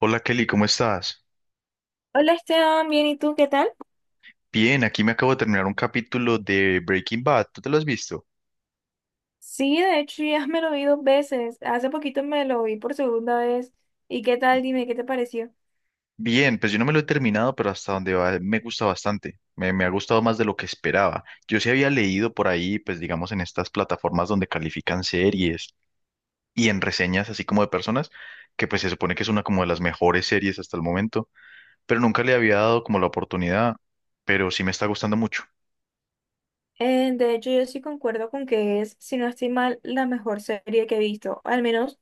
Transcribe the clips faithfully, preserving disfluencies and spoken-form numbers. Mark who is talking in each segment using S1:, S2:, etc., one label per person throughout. S1: Hola Kelly, ¿cómo estás?
S2: Hola Esteban, bien, ¿y tú qué tal?
S1: Bien, aquí me acabo de terminar un capítulo de Breaking Bad. ¿Tú te lo has visto?
S2: Sí, de hecho ya me lo vi dos veces. Hace poquito me lo vi por segunda vez. ¿Y qué tal? Dime, ¿qué te pareció?
S1: Bien, pues yo no me lo he terminado, pero hasta donde va me gusta bastante. Me, me ha gustado más de lo que esperaba. Yo sí había leído por ahí, pues digamos en estas plataformas donde califican series y en reseñas así como de personas, que pues se supone que es una como de las mejores series hasta el momento, pero nunca le había dado como la oportunidad, pero sí me está gustando mucho.
S2: Eh, de hecho, yo sí concuerdo con que es, si no estoy mal, la mejor serie que he visto. Al menos, o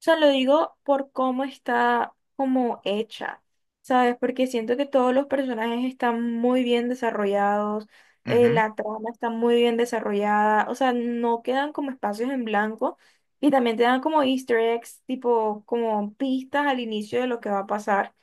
S2: sea, lo digo por cómo está como hecha, ¿sabes? Porque siento que todos los personajes están muy bien desarrollados, eh,
S1: Ujú,
S2: la trama está muy bien desarrollada, o sea, no quedan como espacios en blanco, y también te dan como easter eggs, tipo como pistas al inicio de lo que va a pasar.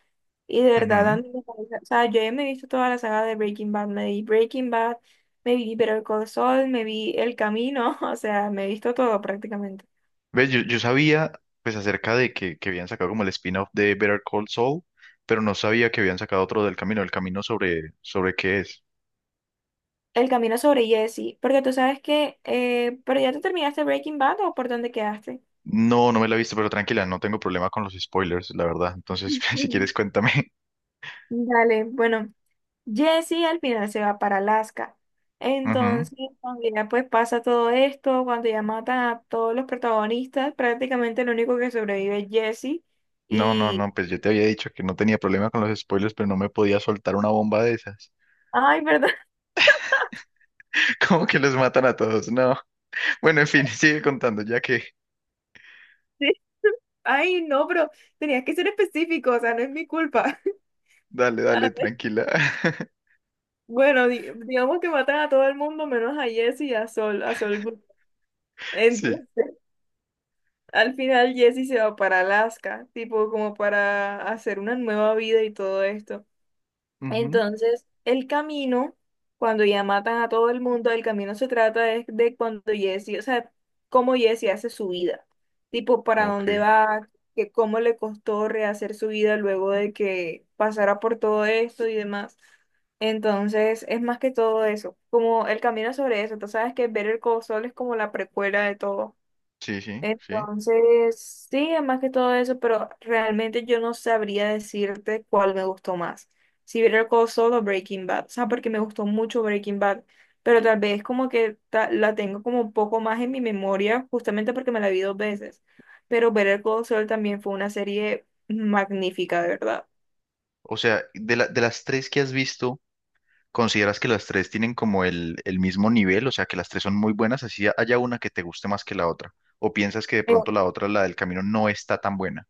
S2: Y de verdad,
S1: ujú.
S2: Andy, me parece- o sea, yo ya me he visto toda la saga de Breaking Bad, me vi Breaking Bad, me vi Better Call Saul, me vi El Camino, o sea, me he visto todo prácticamente.
S1: Ves Yo, yo sabía pues acerca de que, que habían sacado como el spin-off de Better Call Saul, pero no sabía que habían sacado otro del camino. ¿El camino sobre, sobre qué es?
S2: El Camino sobre Jesse, porque tú sabes que, eh, pero ya tú terminaste Breaking Bad o por dónde quedaste.
S1: No, no me la he visto, pero tranquila, no tengo problema con los spoilers, la verdad. Entonces, si
S2: Ujú.
S1: quieres, cuéntame.
S2: Dale, bueno, Jesse al final se va para Alaska.
S1: Ujú.
S2: Entonces, cuando ya pues pasa todo esto, cuando ya matan a todos los protagonistas, prácticamente el único que sobrevive es Jesse
S1: No, no,
S2: y...
S1: no, pues yo te había dicho que no tenía problema con los spoilers, pero no me podía soltar una bomba de esas.
S2: Ay, perdón.
S1: ¿Cómo que los matan a todos? No. Bueno, en fin, sigue contando, ya que...
S2: Ay, no, pero tenías que ser específico, o sea, no es mi culpa.
S1: Dale, dale,
S2: Ah,
S1: tranquila.
S2: bueno, di- digamos que matan a todo el mundo menos a Jesse y a Sol, a Sol Goodman.
S1: Sí.
S2: Entonces, al final Jesse se va para Alaska, tipo como para hacer una nueva vida y todo esto.
S1: Ujú.
S2: Entonces, el camino, cuando ya matan a todo el mundo, el camino se trata es de cuando Jesse, o sea, cómo Jesse hace su vida, tipo para dónde
S1: Ok.
S2: va, que cómo le costó rehacer su vida luego de que pasara por todo esto y demás. Entonces, es más que todo eso, como el camino sobre eso. Tú sabes que Better Call Saul es como la precuela de todo.
S1: Sí, sí, sí.
S2: Entonces, sí, más que todo eso, pero realmente yo no sabría decirte cuál me gustó más. Si Better Call Saul o Breaking Bad, o sea, porque me gustó mucho Breaking Bad, pero tal vez como que ta- la tengo como un poco más en mi memoria, justamente porque me la vi dos veces. Pero Better Call Saul también fue una serie magnífica, de verdad.
S1: O sea, de la- de las tres que has visto, ¿consideras que las tres tienen como el, el mismo nivel? O sea, que las tres son muy buenas, así haya una que te guste más que la otra. ¿O piensas que de pronto la otra, la del camino, no está tan buena?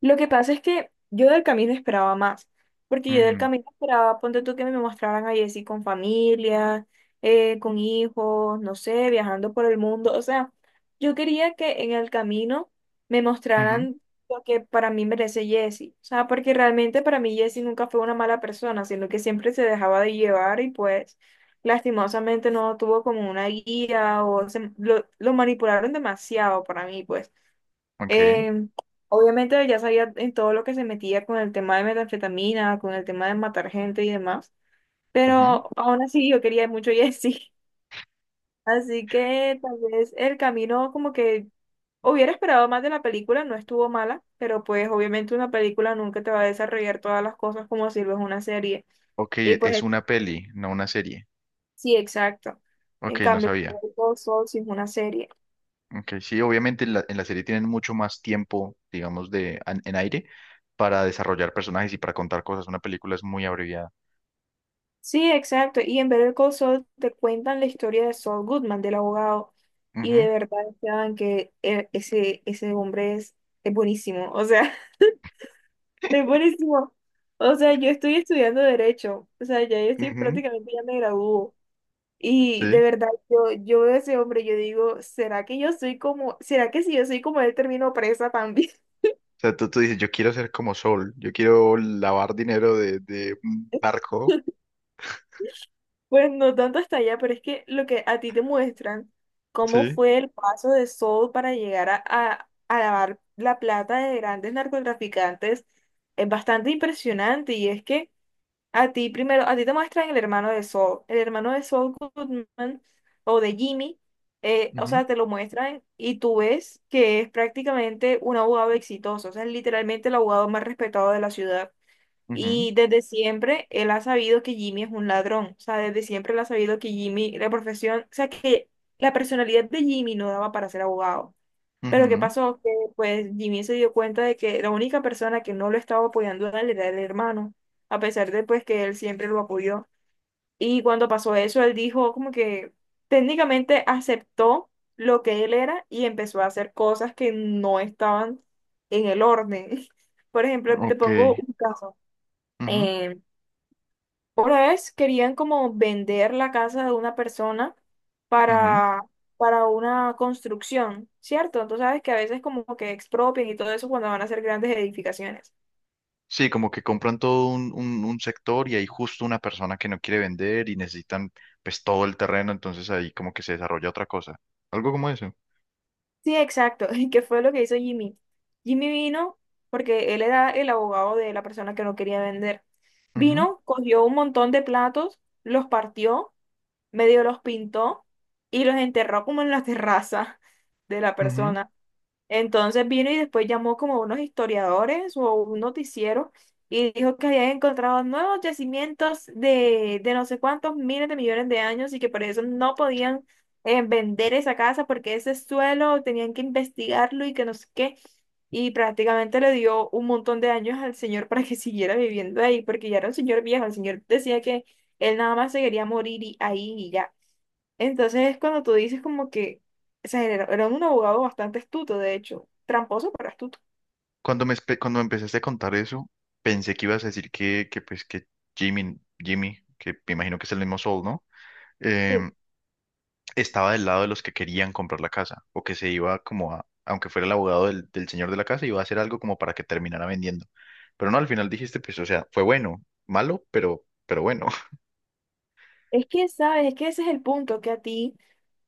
S2: Lo que pasa es que yo del camino esperaba más, porque yo del
S1: Mm,
S2: camino esperaba, ponte tú que me mostraran a Jessie con familia, eh, con hijos, no sé, viajando por el mundo, o sea, yo quería que en el camino me
S1: ujú,
S2: mostraran lo que para mí merece Jessie, o sea, porque realmente para mí Jessie nunca fue una mala persona, sino que siempre se dejaba de llevar y pues lastimosamente no tuvo como una guía o se- lo, lo manipularon demasiado para mí, pues.
S1: ok,
S2: Em, Obviamente ya sabía en todo lo que se metía con el tema de metanfetamina, con el tema de matar gente y demás,
S1: ujú.
S2: pero aún así yo quería mucho a Jesse. Así que tal vez el camino como que hubiera esperado más de la película, no estuvo mala, pero pues obviamente una película nunca te va a desarrollar todas las cosas como si lo es una serie.
S1: Ok,
S2: Y
S1: es
S2: pues
S1: una peli, no una serie.
S2: sí, exacto. En
S1: Ok, no
S2: cambio,
S1: sabía.
S2: Better Call Saul sí es una serie.
S1: Ok, sí, obviamente en la, en la serie tienen mucho más tiempo, digamos, de, an- en, aire para desarrollar personajes y para contar cosas. Una película es muy abreviada.
S2: Sí, exacto. Y en Better Call Saul te cuentan la historia de Saul Goodman, del abogado. Y de
S1: Ujú,
S2: verdad, Esteban, que e- ese, ese hombre es, es buenísimo. O sea, es buenísimo. O sea, yo estoy estudiando Derecho. O sea, ya yo estoy
S1: ujú,
S2: prácticamente ya me gradúo. Y de
S1: sí.
S2: verdad, yo, yo veo a ese hombre, yo digo, ¿será que yo soy como, será que si yo soy como él termino presa también?
S1: O sea, tú, tú dices, yo quiero ser como Sol, yo quiero lavar dinero de, de un barco,
S2: Pues no tanto hasta allá, pero es que lo que a ti te muestran, cómo
S1: sí.
S2: fue el paso de Saul para llegar a, a, a lavar la plata de grandes narcotraficantes, es bastante impresionante. Y es que a ti primero, a ti te muestran el hermano de Saul, el hermano de Saul Goodman o de Jimmy, eh, o
S1: Ujú,
S2: sea, te lo muestran y tú ves que es prácticamente un abogado exitoso, o sea, es literalmente el abogado más respetado de la ciudad.
S1: ujú,
S2: Y desde siempre él ha sabido que Jimmy es un ladrón. O sea, desde siempre él ha sabido que Jimmy, la profesión, o sea, que la personalidad de Jimmy no daba para ser abogado. Pero ¿qué
S1: ujú.
S2: pasó? Que pues Jimmy se dio cuenta de que la única persona que no lo estaba apoyando a él era el hermano, a pesar de pues que él siempre lo apoyó. Y cuando pasó eso, él dijo como que técnicamente aceptó lo que él era y empezó a hacer cosas que no estaban en el orden. Por ejemplo, te
S1: Ok.
S2: pongo un caso.
S1: Ujú,
S2: Em, una vez querían como vender la casa de una persona
S1: ujú.
S2: para, para una construcción, ¿cierto? Tú sabes que a veces como que expropian y todo eso cuando van a hacer grandes edificaciones.
S1: Sí, como que compran todo un, un, un sector y hay justo una persona que no quiere vender y necesitan pues todo el terreno, entonces ahí como que se desarrolla otra cosa. Algo como eso.
S2: Sí, exacto. ¿Y qué fue lo que hizo Jimmy? Jimmy vino porque él era el abogado de la persona que no quería vender.
S1: Ujú,
S2: Vino, cogió un montón de platos, los partió, medio los pintó y los enterró como en la terraza de la
S1: ujú.
S2: persona. Entonces vino y después llamó como a unos historiadores o un noticiero y dijo que habían encontrado nuevos yacimientos de, de no sé cuántos miles de millones de años y que por eso no podían eh, vender esa casa porque ese suelo tenían que investigarlo y que no sé qué. Y prácticamente le dio un montón de años al señor para que siguiera viviendo ahí porque ya era un señor viejo. El señor decía que él nada más se quería morir y- ahí y ya. Entonces es cuando tú dices como que, o sea, era, era un abogado bastante astuto, de hecho, tramposo, pero astuto.
S1: Cuando me, espe- cuando me empezaste a contar eso, pensé que ibas a decir que, que pues que Jimmy, Jimmy, que me imagino que es el mismo Sol, ¿no?
S2: Sí,
S1: Em, estaba del lado de los que querían comprar la casa o que se iba como a, aunque fuera el abogado del, del señor de la casa, iba a hacer algo como para que terminara vendiendo. Pero no, al final dijiste, pues, o sea, fue bueno, malo, pero, pero bueno.
S2: es que, ¿sabes? Es que ese es el punto, que a ti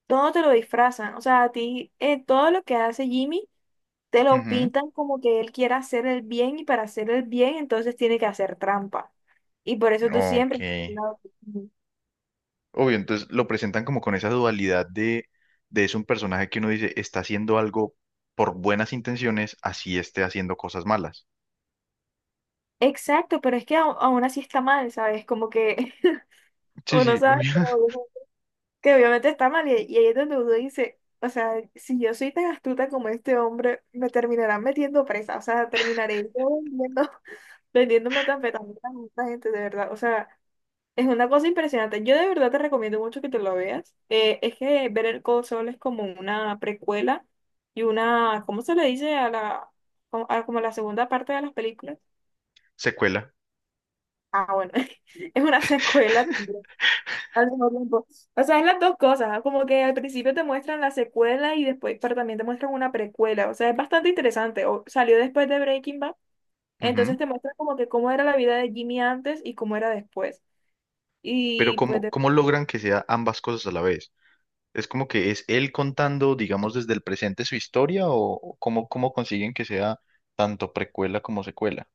S2: todo te lo disfrazan, o sea, a ti eh, todo lo que hace Jimmy te lo
S1: Ujú.
S2: pintan como que él quiere hacer el bien y para hacer el bien entonces tiene que hacer trampa. Y por eso tú
S1: Ok.
S2: siempre... No.
S1: Obvio, entonces lo presentan como con esa dualidad de, de es un personaje que uno dice está haciendo algo por buenas intenciones, así esté haciendo cosas malas.
S2: Exacto, pero es que au- aún así está mal, ¿sabes? Como que
S1: Sí,
S2: uno
S1: sí,
S2: sabe
S1: obvio.
S2: todo, que obviamente está mal, y, y ahí es donde uno dice, o sea, si yo soy tan astuta como este hombre, me terminarán metiendo presa, o sea, terminaré yo vendiendo, vendiendo metanfetaminas a esta gente, de verdad, o sea, es una cosa impresionante. Yo de verdad te recomiendo mucho que te lo veas. Eh, es que ver el Saul es como una precuela y una, ¿cómo se le dice a la, como a- como la segunda parte de las películas?
S1: Secuela.
S2: Ah, bueno, es una secuela al mismo tiempo. O sea, es las dos cosas, ¿ah? Como que al principio te muestran la secuela y después, pero también te muestran una precuela. O sea, es bastante interesante. O, salió después de Breaking Bad, entonces
S1: Ujú.
S2: te muestran como que cómo era la vida de Jimmy antes y cómo era después.
S1: Pero
S2: Y pues
S1: ¿cómo,
S2: de
S1: ¿cómo logran que sea ambas cosas a la vez? Es como que es él contando, digamos, desde el presente su historia o o cómo, cómo consiguen que sea tanto precuela como secuela.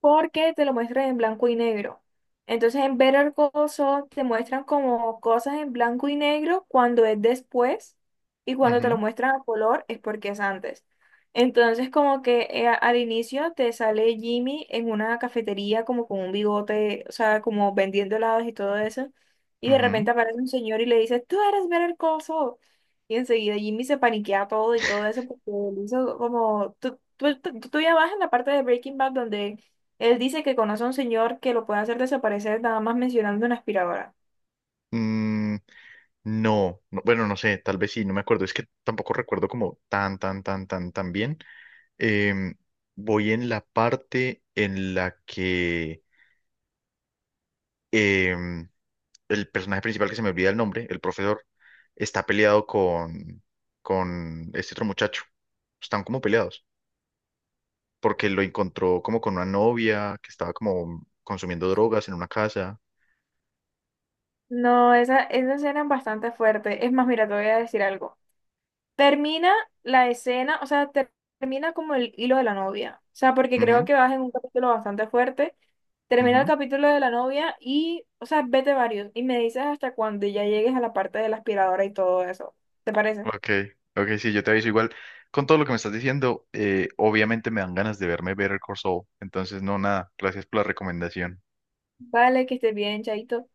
S2: porque te lo muestran en blanco y negro. Entonces en Better Call Saul te muestran como cosas en blanco y negro cuando es después y cuando te
S1: Ujú,
S2: lo muestran a color es porque es antes. Entonces como que eh, al inicio te sale Jimmy en una cafetería como con un bigote, o sea, como vendiendo helados y todo eso. Y de
S1: ujú.
S2: repente aparece un señor y le dice, "tú eres Better Call Saul". Y enseguida Jimmy se paniquea todo y todo eso porque él hizo como, tú, tú, tú, tú ya vas en la parte de Breaking Bad donde él dice que conoce a un señor que lo puede hacer desaparecer nada más mencionando una aspiradora.
S1: Mm, no, no, bueno, no sé, tal vez sí, no me acuerdo. Es que tampoco recuerdo como tan, tan, tan, tan, tan bien. Em, voy en la parte en la que em, el personaje principal, que se me olvida el nombre, el profesor, está peleado con, con este otro muchacho. Están como peleados porque lo encontró como con una novia que estaba como consumiendo drogas en una casa.
S2: No, esa, esa escena es bastante fuerte. Es más, mira, te voy a decir algo. Termina la escena, o sea, ter- termina como el hilo de la novia. O sea, porque creo
S1: Ujú,
S2: que vas en un capítulo bastante fuerte. Termina el
S1: ujú.
S2: capítulo de la novia y, o sea, vete varios. Y me dices hasta cuando ya llegues a la parte de la aspiradora y todo eso. ¿Te parece?
S1: Ok, ok, sí, yo te aviso igual. Con todo lo que me estás diciendo, eh, obviamente me dan ganas de verme Better Call Saul. Entonces, no, nada, gracias por la recomendación.
S2: Vale, que estés bien, chaito.